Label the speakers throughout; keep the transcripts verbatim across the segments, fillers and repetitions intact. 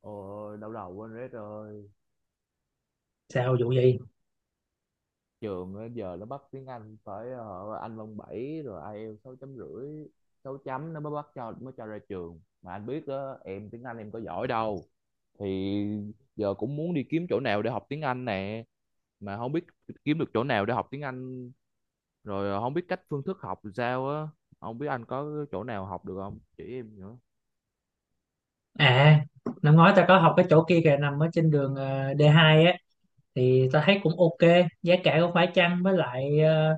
Speaker 1: Ôi, đau đầu quên rét rồi.
Speaker 2: Sao, vụ gì?
Speaker 1: Trường á, giờ nó bắt tiếng Anh phải ờ, Anh văn bảy rồi ai IELTS sáu chấm rưỡi, sáu chấm nó mới bắt cho mới cho ra trường. Mà anh biết đó, em tiếng Anh em có giỏi đâu. Thì giờ cũng muốn đi kiếm chỗ nào để học tiếng Anh nè, mà không biết kiếm được chỗ nào để học tiếng Anh rồi ờ, không biết cách phương thức học làm sao á. Không biết anh có chỗ nào học được không? Chỉ em nữa.
Speaker 2: À, năm ngoái ta có học cái chỗ kia kìa, nằm ở trên đường ờ, đê hai á. Thì ta thấy cũng ok, giá cả cũng phải chăng, với lại ờ,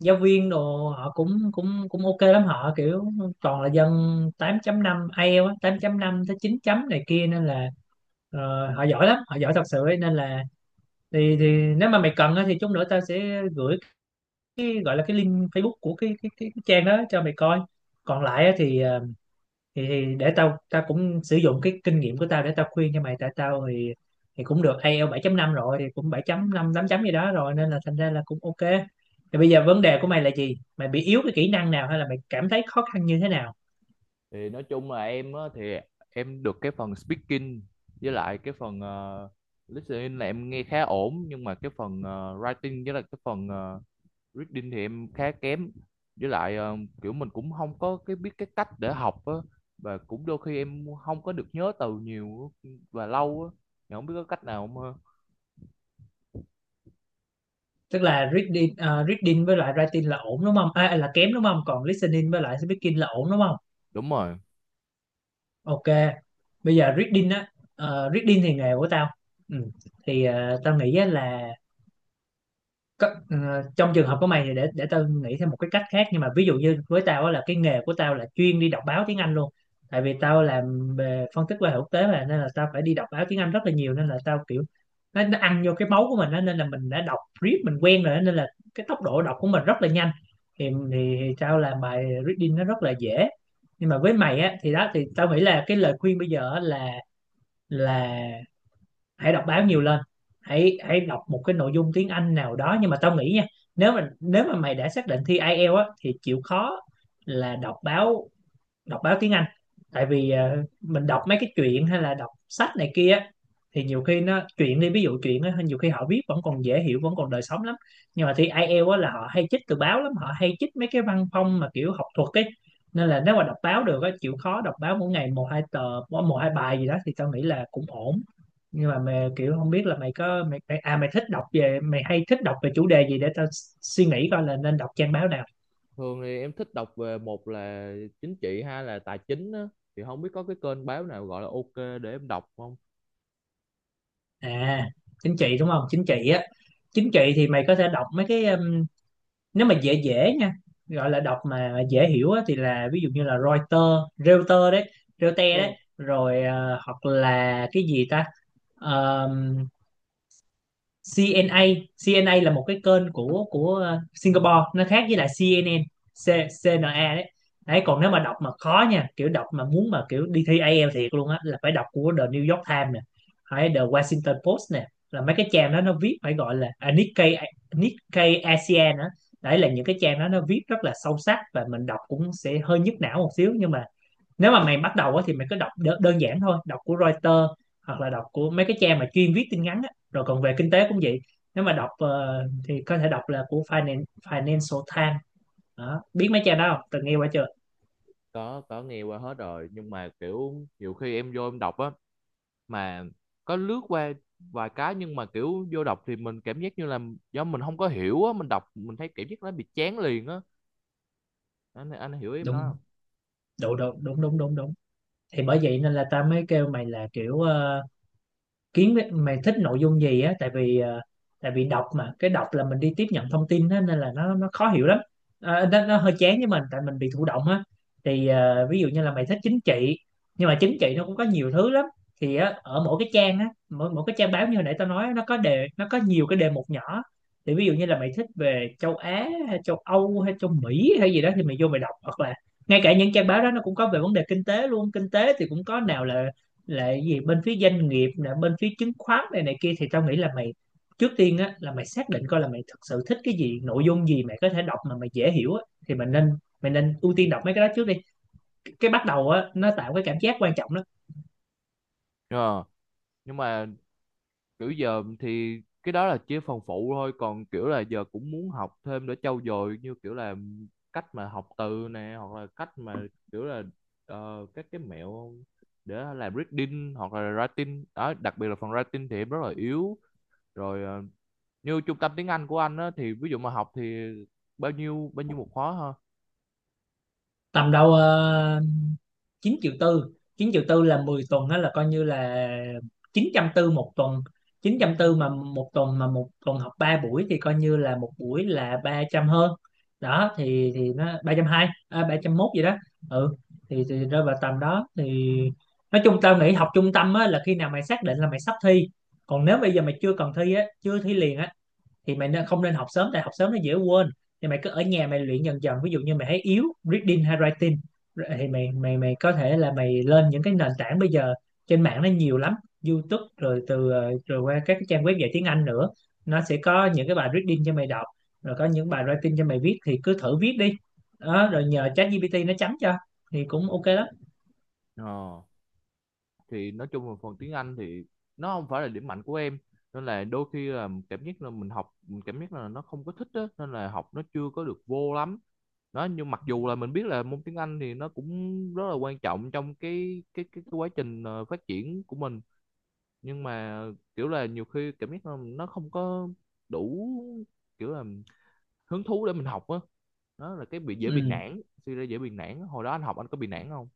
Speaker 2: giáo viên đồ họ cũng cũng cũng ok lắm. Họ kiểu toàn là dân tám chấm năm 5 ai eo á, tám chấm năm tới chín chấm này kia, nên là ờ, họ giỏi lắm, họ giỏi thật sự ấy. Nên là thì thì nếu mà mày cần á, thì chút nữa tao sẽ gửi cái gọi là cái link Facebook của cái cái cái, cái trang đó cho mày coi. Còn lại á, thì ờ, thì, thì để tao tao cũng sử dụng cái kinh nghiệm của tao để tao khuyên cho mày. Tại tao thì thì cũng được ai eo bảy chấm năm rồi, thì cũng bảy chấm năm tám chấm gì đó rồi, nên là thành ra là cũng ok. Thì bây giờ vấn đề của mày là gì? Mày bị yếu cái kỹ năng nào hay là mày cảm thấy khó khăn như thế nào?
Speaker 1: Thì nói chung là em á, thì em được cái phần speaking với lại cái phần ờ, listening là em nghe khá ổn, nhưng mà cái phần ờ, writing với lại cái phần ờ, reading thì em khá kém, với lại ờ, kiểu mình cũng không có cái biết cái cách để học á, và cũng đôi khi em không có được nhớ từ nhiều á, và lâu á. Thì không biết có cách nào không ha.
Speaker 2: Tức là reading, ờ, reading với lại writing là ổn đúng không? À, là kém đúng không? Còn listening với lại speaking là ổn đúng không?
Speaker 1: Đúng rồi.
Speaker 2: Ok, bây giờ reading á, ờ, reading thì nghề của tao. Ừ. Thì ờ, tao nghĩ á là có, ờ, trong trường hợp của mày thì để để tao nghĩ thêm một cái cách khác. Nhưng mà ví dụ như với tao á, là cái nghề của tao là chuyên đi đọc báo tiếng Anh luôn, tại vì tao làm về phân tích quan hệ quốc tế mà, nên là tao phải đi đọc báo tiếng Anh rất là nhiều, nên là tao kiểu nó, nó ăn vô cái máu của mình á, nên là mình đã đọc read mình quen rồi á, nên là cái tốc độ đọc của mình rất là nhanh. Thì, thì, thì tao làm bài reading nó rất là dễ. Nhưng mà với mày á thì đó, thì tao nghĩ là cái lời khuyên bây giờ á là là hãy đọc báo nhiều lên. Hãy hãy đọc một cái nội dung tiếng Anh nào đó. Nhưng mà tao nghĩ nha, nếu mà nếu mà mày đã xác định thi ai eo á, thì chịu khó là đọc báo, đọc báo tiếng Anh. Tại vì ờ, mình đọc mấy cái truyện hay là đọc sách này kia á, thì nhiều khi nó truyện đi, ví dụ truyện á, nhiều khi họ viết vẫn còn dễ hiểu, vẫn còn đời sống lắm. Nhưng mà thi ai eo á, là họ hay chích từ báo lắm, họ hay chích mấy cái văn phong mà kiểu học thuật ấy. Nên là nếu mà đọc báo được á, chịu khó đọc báo mỗi ngày một hai tờ, một hai bài gì đó, thì tao nghĩ là cũng ổn. Nhưng mà mày, kiểu không biết là mày có mày, mày à mày thích đọc về mày hay thích đọc về chủ đề gì để tao suy nghĩ coi là nên đọc trang báo nào.
Speaker 1: Thường thì em thích đọc về một là chính trị, hai là tài chính á, thì không biết có cái kênh báo nào gọi là ok để em đọc không.
Speaker 2: À, chính trị đúng không? Chính trị á, chính trị thì mày có thể đọc mấy cái um, nếu mà dễ dễ nha, gọi là đọc mà dễ hiểu á, thì là ví dụ như là Reuters Reuters đấy. Reuters đấy. Rồi ờ, hoặc là cái gì ta, xê en a. xê en a là một cái kênh của của ờ, Singapore, nó khác với lại xê en en. C, xê en a đấy. Đấy,
Speaker 1: Ừ.
Speaker 2: còn nếu mà đọc mà khó nha, kiểu đọc mà muốn mà kiểu đi thi ai eo thiệt luôn á, là phải đọc của The New York Times nè, hay The Washington Post nè, là mấy cái trang đó nó viết phải gọi là à, Nikkei. Nikkei a sê an á, đấy là những cái trang đó, nó viết rất là sâu sắc và mình đọc cũng sẽ hơi nhức não một xíu. Nhưng mà nếu mà mày bắt đầu á, thì mày cứ đọc đơn, đơn giản thôi, đọc của Reuters hoặc là đọc của mấy cái trang mà chuyên viết tin ngắn á. Rồi còn về kinh tế cũng vậy, nếu mà đọc ờ, thì có thể đọc là của Finan- Financial Times. Đó, biết mấy trang đó không, từng nghe qua chưa?
Speaker 1: có có nghe qua hết rồi, nhưng mà kiểu nhiều khi em vô em đọc á, mà có lướt qua vài cái, nhưng mà kiểu vô đọc thì mình cảm giác như là do mình không có hiểu á, mình đọc mình thấy cảm giác nó bị chán liền á. Anh anh hiểu ý em nói
Speaker 2: Đúng,
Speaker 1: không?
Speaker 2: đúng đúng đúng đúng đúng đúng Thì bởi vậy nên là ta mới kêu mày là kiểu ờ, kiếm cái- mày thích nội dung gì á. Tại vì ờ, tại vì đọc mà cái đọc là mình đi tiếp nhận thông tin á, nên là nó nó khó hiểu lắm. À, nó, nó hơi chán với mình, tại mình bị thụ động á. Thì ờ, ví dụ như là mày thích chính trị, nhưng mà chính trị nó cũng có nhiều thứ lắm, thì á, ở mỗi cái trang á, mỗi mỗi cái trang báo như hồi nãy tao nói á, nó có đề, nó có nhiều cái đề mục nhỏ. Thì ví dụ như là mày thích về châu Á hay châu Âu hay châu Mỹ hay gì đó, thì mày vô mày đọc, hoặc là ngay cả những trang báo đó nó cũng có về vấn đề kinh tế luôn. Kinh tế thì cũng có nào là lại gì bên phía doanh nghiệp nè, bên phía chứng khoán này này kia. Thì tao nghĩ là mày trước tiên á, là mày xác định coi là mày thực sự thích cái gì, nội dung gì mày có thể đọc mà mày dễ hiểu á, thì mày nên mày nên ưu tiên đọc mấy cái đó trước đi, cái bắt đầu á nó tạo cái cảm giác quan trọng đó.
Speaker 1: Ờ, nhưng mà kiểu giờ thì cái đó là chỉ phần phụ thôi, còn kiểu là giờ cũng muốn học thêm để trau dồi, như kiểu là cách mà học từ nè, hoặc là cách mà kiểu là ờ, các cái mẹo để làm reading hoặc là writing đó, đặc biệt là phần writing thì em rất là yếu. Rồi ờ, như trung tâm tiếng Anh của anh á, thì ví dụ mà học thì bao nhiêu bao nhiêu một khóa ha?
Speaker 2: Tầm đâu ờ, chín triệu tư. Chín triệu tư là mười tuần, đó là coi như là chín trăm tư một tuần. Chín trăm tư mà một tuần, mà một tuần học ba buổi, thì coi như là một buổi là ba trăm hơn. Đó, thì thì nó ba trăm hai, à, ba trăm ba không một gì đó. Ừ, thì, thì rơi vào tầm đó. Thì nói chung tao nghĩ học trung tâm á, là khi nào mày xác định là mày sắp thi. Còn nếu bây giờ mày chưa cần thi á, chưa thi liền á, thì mày nên không nên học sớm, tại học sớm nó dễ quên. Thì mày cứ ở nhà mày luyện dần dần, ví dụ như mày thấy yếu reading hay writing, thì mày mày mày có thể là mày lên những cái nền tảng bây giờ, trên mạng nó nhiều lắm. YouTube rồi từ ờ, rồi qua các cái trang web dạy tiếng Anh nữa, nó sẽ có những cái bài reading cho mày đọc, rồi có những bài writing cho mày viết, thì cứ thử viết đi. Đó, rồi nhờ ChatGPT nó chấm cho, thì cũng ok lắm.
Speaker 1: ờ, thì nói chung là phần tiếng Anh thì nó không phải là điểm mạnh của em, nên là đôi khi là cảm giác là mình học mình cảm giác là nó không có thích á, nên là học nó chưa có được vô lắm đó. Nhưng mặc dù là mình biết là môn tiếng Anh thì nó cũng rất là quan trọng trong cái cái cái, cái quá trình ờ, phát triển của mình, nhưng mà kiểu là nhiều khi cảm giác là nó không có đủ kiểu là hứng thú để mình học á. Đó là cái bị dễ bị
Speaker 2: Ừ.
Speaker 1: nản, suy ra dễ bị nản. Hồi đó anh học anh có bị nản không?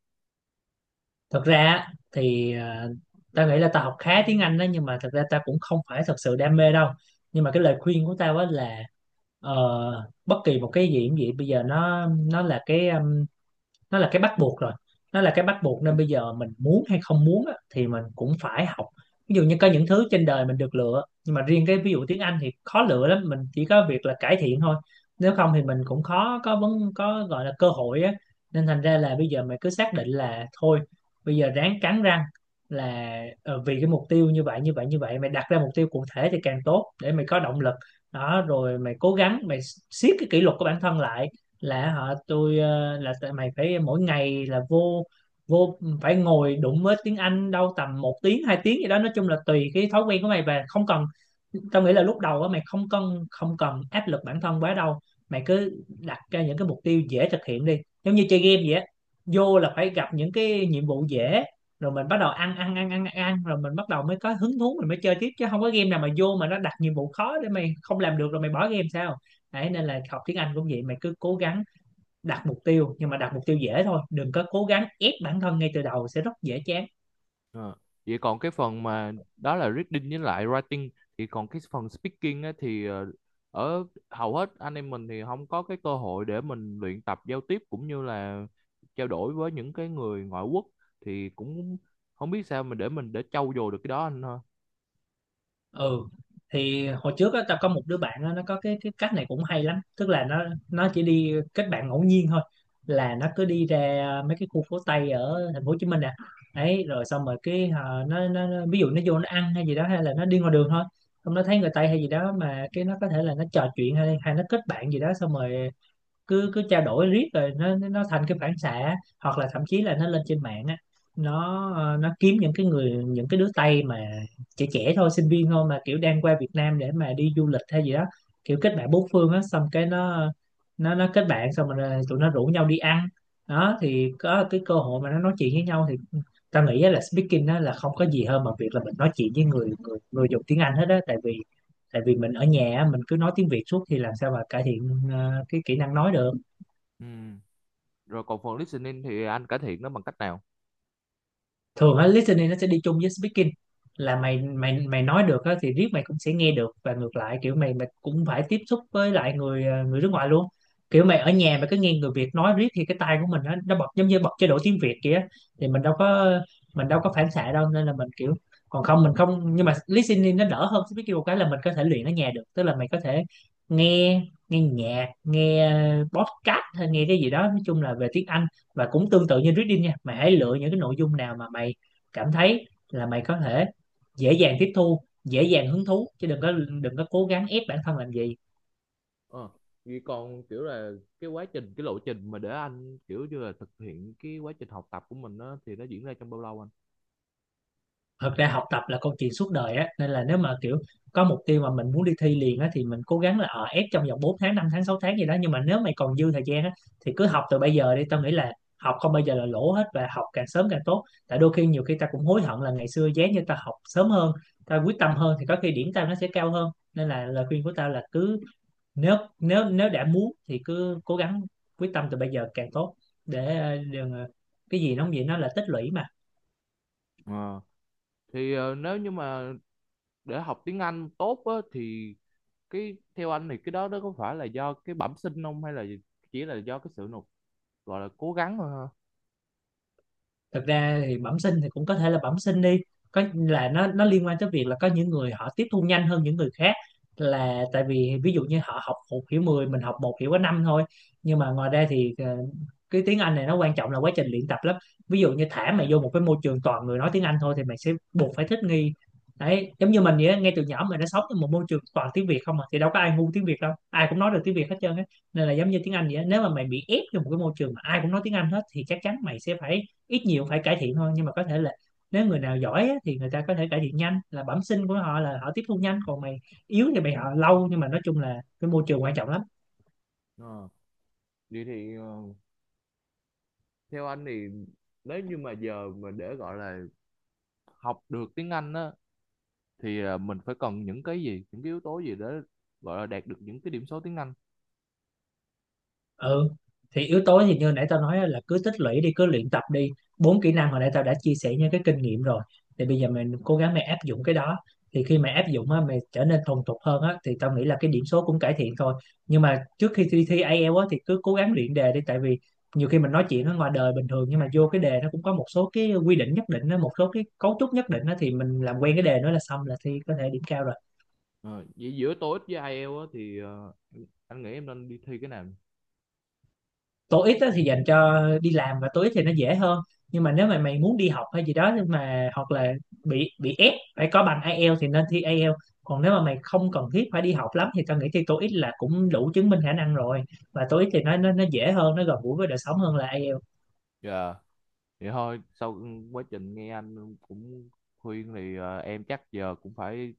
Speaker 2: Thật ra á, thì à, ta nghĩ là ta học khá tiếng Anh đó, nhưng mà thật ra ta cũng không phải thật sự đam mê đâu. Nhưng mà cái lời khuyên của tao á là ờ, bất kỳ một cái gì cũng vậy, bây giờ nó nó là cái nó là cái bắt buộc rồi. Nó là cái bắt buộc, nên bây giờ mình muốn hay không muốn á, thì mình cũng phải học. Ví dụ như có những thứ trên đời mình được lựa, nhưng mà riêng cái ví dụ tiếng Anh thì khó lựa lắm, mình chỉ có việc là cải thiện thôi. Nếu không thì mình cũng khó có vấn, có gọi là cơ hội á. Nên thành ra là bây giờ mình cứ xác định là thôi, bây giờ ráng cắn răng là ờ, vì cái mục tiêu như vậy như vậy như vậy. Mày đặt ra mục tiêu cụ thể thì càng tốt để mày có động lực. Đó, rồi mày cố gắng, mày siết cái kỷ luật của bản thân lại, là họ tôi ờ, là tại mày phải mỗi ngày là vô vô phải ngồi đụng với tiếng Anh đâu tầm một tiếng hai tiếng gì đó, nói chung là tùy cái thói quen của mày. Và không cần, tao nghĩ là lúc đầu á mày không cần không cần áp lực bản thân quá đâu. Mày cứ đặt ra những cái mục tiêu dễ thực hiện đi, giống như chơi game vậy á, vô là phải gặp những cái nhiệm vụ dễ, rồi mình bắt đầu ăn ăn ăn ăn ăn rồi mình bắt đầu mới có hứng thú, mình mới chơi tiếp. Chứ không có game nào mà vô mà nó đặt nhiệm vụ khó để mày không làm được rồi mày bỏ game sao. Đấy, nên là học tiếng Anh cũng vậy, mày cứ cố gắng đặt mục tiêu, nhưng mà đặt mục tiêu dễ thôi, đừng có cố gắng ép bản thân ngay từ đầu, sẽ rất dễ chán.
Speaker 1: Ờ. Vậy còn cái phần mà đó là reading với lại writing, thì còn cái phần speaking á, thì ờ, ở hầu hết anh em mình thì không có cái cơ hội để mình luyện tập giao tiếp, cũng như là trao đổi với những cái người ngoại quốc, thì cũng không biết sao mà để mình để trau dồi được cái đó anh ha.
Speaker 2: Ừ. Thì hồi trước á, tao có một đứa bạn á, nó có cái cái cách này cũng hay lắm, tức là nó nó chỉ đi kết bạn ngẫu nhiên thôi, là nó cứ đi ra mấy cái khu phố Tây ở thành phố Hồ Chí Minh nè. Ấy rồi xong rồi cái ờ, nó, nó nó- ví dụ nó vô nó ăn hay gì đó, hay là nó đi ngoài đường thôi, xong nó thấy người Tây hay gì đó mà cái nó có thể là nó trò chuyện hay hay nó kết bạn gì đó, xong rồi cứ cứ trao đổi riết rồi nó nó thành cái phản xạ. Hoặc là thậm chí là nó lên trên mạng á, nó ờ, nó kiếm những cái người, những cái đứa Tây mà trẻ trẻ thôi, sinh viên thôi, mà kiểu đang qua Việt Nam để mà đi du lịch hay gì đó, kiểu kết bạn bốn phương á, xong cái nó nó nó kết bạn xong rồi tụi nó rủ nhau đi ăn. Đó thì có cái cơ hội mà nó nói chuyện với nhau. Thì ta nghĩ á là speaking á là không có gì hơn mà việc là mình nói chuyện với người người người dùng tiếng Anh hết á. Tại vì tại vì mình ở nhà á, mình cứ nói tiếng Việt suốt thì làm sao mà cải thiện ờ, cái kỹ năng nói được.
Speaker 1: Ừ. Rồi còn phần listening thì anh cải thiện nó bằng cách nào?
Speaker 2: Thường á listening nó sẽ đi chung với speaking, là mày mày mày nói được á thì riết mày cũng sẽ nghe được, và ngược lại kiểu mày mày cũng phải tiếp xúc với lại người ờ, người nước ngoài luôn. Kiểu mày ở nhà mày cứ nghe người Việt nói riết thì cái tai của mình á nó bật giống như bật chế độ tiếng Việt kia, thì mình đâu có, mình đâu có phản xạ đâu, nên là mình kiểu còn không mình không. Nhưng mà listening nó đỡ hơn speaking một cái là mình có thể luyện ở nhà được, tức là mày có thể nghe nghe nhạc, nghe ờ, podcast hay nghe cái gì đó nói chung là về tiếng Anh. Và cũng tương tự như reading nha, mày hãy lựa những cái nội dung nào mà mày cảm thấy là mày có thể dễ dàng tiếp thu, dễ dàng hứng thú, chứ đừng có đừng có cố gắng ép bản thân làm gì.
Speaker 1: ờ Vậy còn kiểu là cái quá trình, cái lộ trình mà để anh kiểu như là thực hiện cái quá trình học tập của mình đó thì nó diễn ra trong bao lâu anh?
Speaker 2: Thật ra học tập là câu chuyện suốt đời á, nên là nếu mà kiểu có mục tiêu mà mình muốn đi thi liền á thì mình cố gắng là ở ép trong vòng bốn tháng, năm tháng, sáu tháng gì đó. Nhưng mà nếu mày còn dư thời gian á thì cứ học từ bây giờ đi. Tao nghĩ là học không bao giờ là lỗ hết, và học càng sớm càng tốt, tại đôi khi nhiều khi ta cũng hối hận là ngày xưa giá như ta học sớm hơn, ta quyết tâm hơn thì có khi điểm tao nó sẽ cao hơn. Nên là lời khuyên của tao là cứ, nếu nếu nếu đã muốn thì cứ cố gắng quyết tâm từ bây giờ càng tốt, để ờ, đừng ờ, cái gì nó cũng vậy, nó là tích lũy mà.
Speaker 1: Ờ. Thì ờ, nếu như mà để học tiếng Anh tốt á, thì cái theo anh thì cái đó nó có phải là do cái bẩm sinh không, hay là chỉ là do cái sự nỗ gọi là cố gắng thôi ha?
Speaker 2: Thật ra thì bẩm sinh thì cũng có thể là bẩm sinh đi, có là nó nó liên quan tới việc là có những người họ tiếp thu nhanh hơn những người khác, là tại vì ví dụ như họ học một hiểu mười, mình học một hiểu có năm thôi. Nhưng mà ngoài ra thì ờ, cái tiếng Anh này nó quan trọng là quá trình luyện tập lắm. Ví dụ như thả mày vô một cái môi trường toàn người nói tiếng Anh thôi thì mày sẽ buộc phải thích nghi. Đấy, giống như mình vậy á, ngay từ nhỏ mình đã sống trong một môi trường toàn tiếng Việt không mà, thì đâu có ai ngu tiếng Việt đâu, ai cũng nói được tiếng Việt hết trơn á. Nên là giống như tiếng Anh vậy á, nếu mà mày bị ép vô một cái môi trường mà ai cũng nói tiếng Anh hết thì chắc chắn mày sẽ phải ít nhiều phải cải thiện thôi. Nhưng mà có thể là nếu người nào giỏi á thì người ta có thể cải thiện nhanh, là bẩm sinh của họ là họ tiếp thu nhanh, còn mày yếu thì mày họ lâu. Nhưng mà nói chung là cái môi trường quan trọng lắm.
Speaker 1: Ờ. Vậy thì ờ, theo anh thì nếu như mà giờ mà để gọi là học được tiếng Anh á, thì ờ, mình phải cần những cái gì, những cái yếu tố gì để gọi là đạt được những cái điểm số tiếng Anh?
Speaker 2: Ừ, thì yếu tố thì như nãy tao nói á, là cứ tích lũy đi, cứ luyện tập đi. Bốn kỹ năng hồi nãy tao đã chia sẻ những cái kinh nghiệm rồi, thì bây giờ mình cố gắng, mày áp dụng cái đó, thì khi mày áp dụng á, mày trở nên thuần thục hơn á, thì tao nghĩ là cái điểm số cũng cải thiện thôi. Nhưng mà trước khi thi thi ai eo á thì cứ cố gắng luyện đề đi, tại vì nhiều khi mình nói chuyện ở ngoài đời bình thường nhưng mà vô cái đề nó cũng có một số cái quy định nhất định á, một số cái cấu trúc nhất định á, thì mình làm quen cái đề nó là xong, là thi có thể điểm cao rồi.
Speaker 1: Ờ, gi- giữa toi íc với ai eo á, thì ờ, anh nghĩ em nên đi thi cái nào?
Speaker 2: Tối ít á thì dành cho đi làm, và tối ít thì nó dễ hơn. Nhưng mà nếu mà mày muốn đi học hay gì đó, nhưng mà hoặc là bị bị ép phải có bằng ai eo thì nên thi ai eo. Còn nếu mà mày không cần thiết phải đi học lắm thì tao nghĩ thi tối ít là cũng đủ chứng minh khả năng rồi. Và tối ít thì nó nó nó dễ hơn, nó gần gũi với đời sống hơn là ai eo.
Speaker 1: Dạ. Vậy thôi, sau quá trình nghe anh cũng khuyên thì ờ, em chắc giờ cũng phải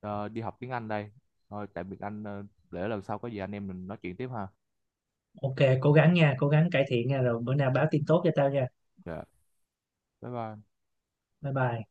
Speaker 1: ờ, đi học tiếng Anh đây. Thôi tạm biệt anh, ờ, để lần sau có gì anh em mình nói chuyện tiếp ha.
Speaker 2: OK, cố gắng nha, cố gắng cải thiện nha, rồi bữa nào báo tin tốt cho tao nha.
Speaker 1: Dạ, bye bye.
Speaker 2: Bye bye.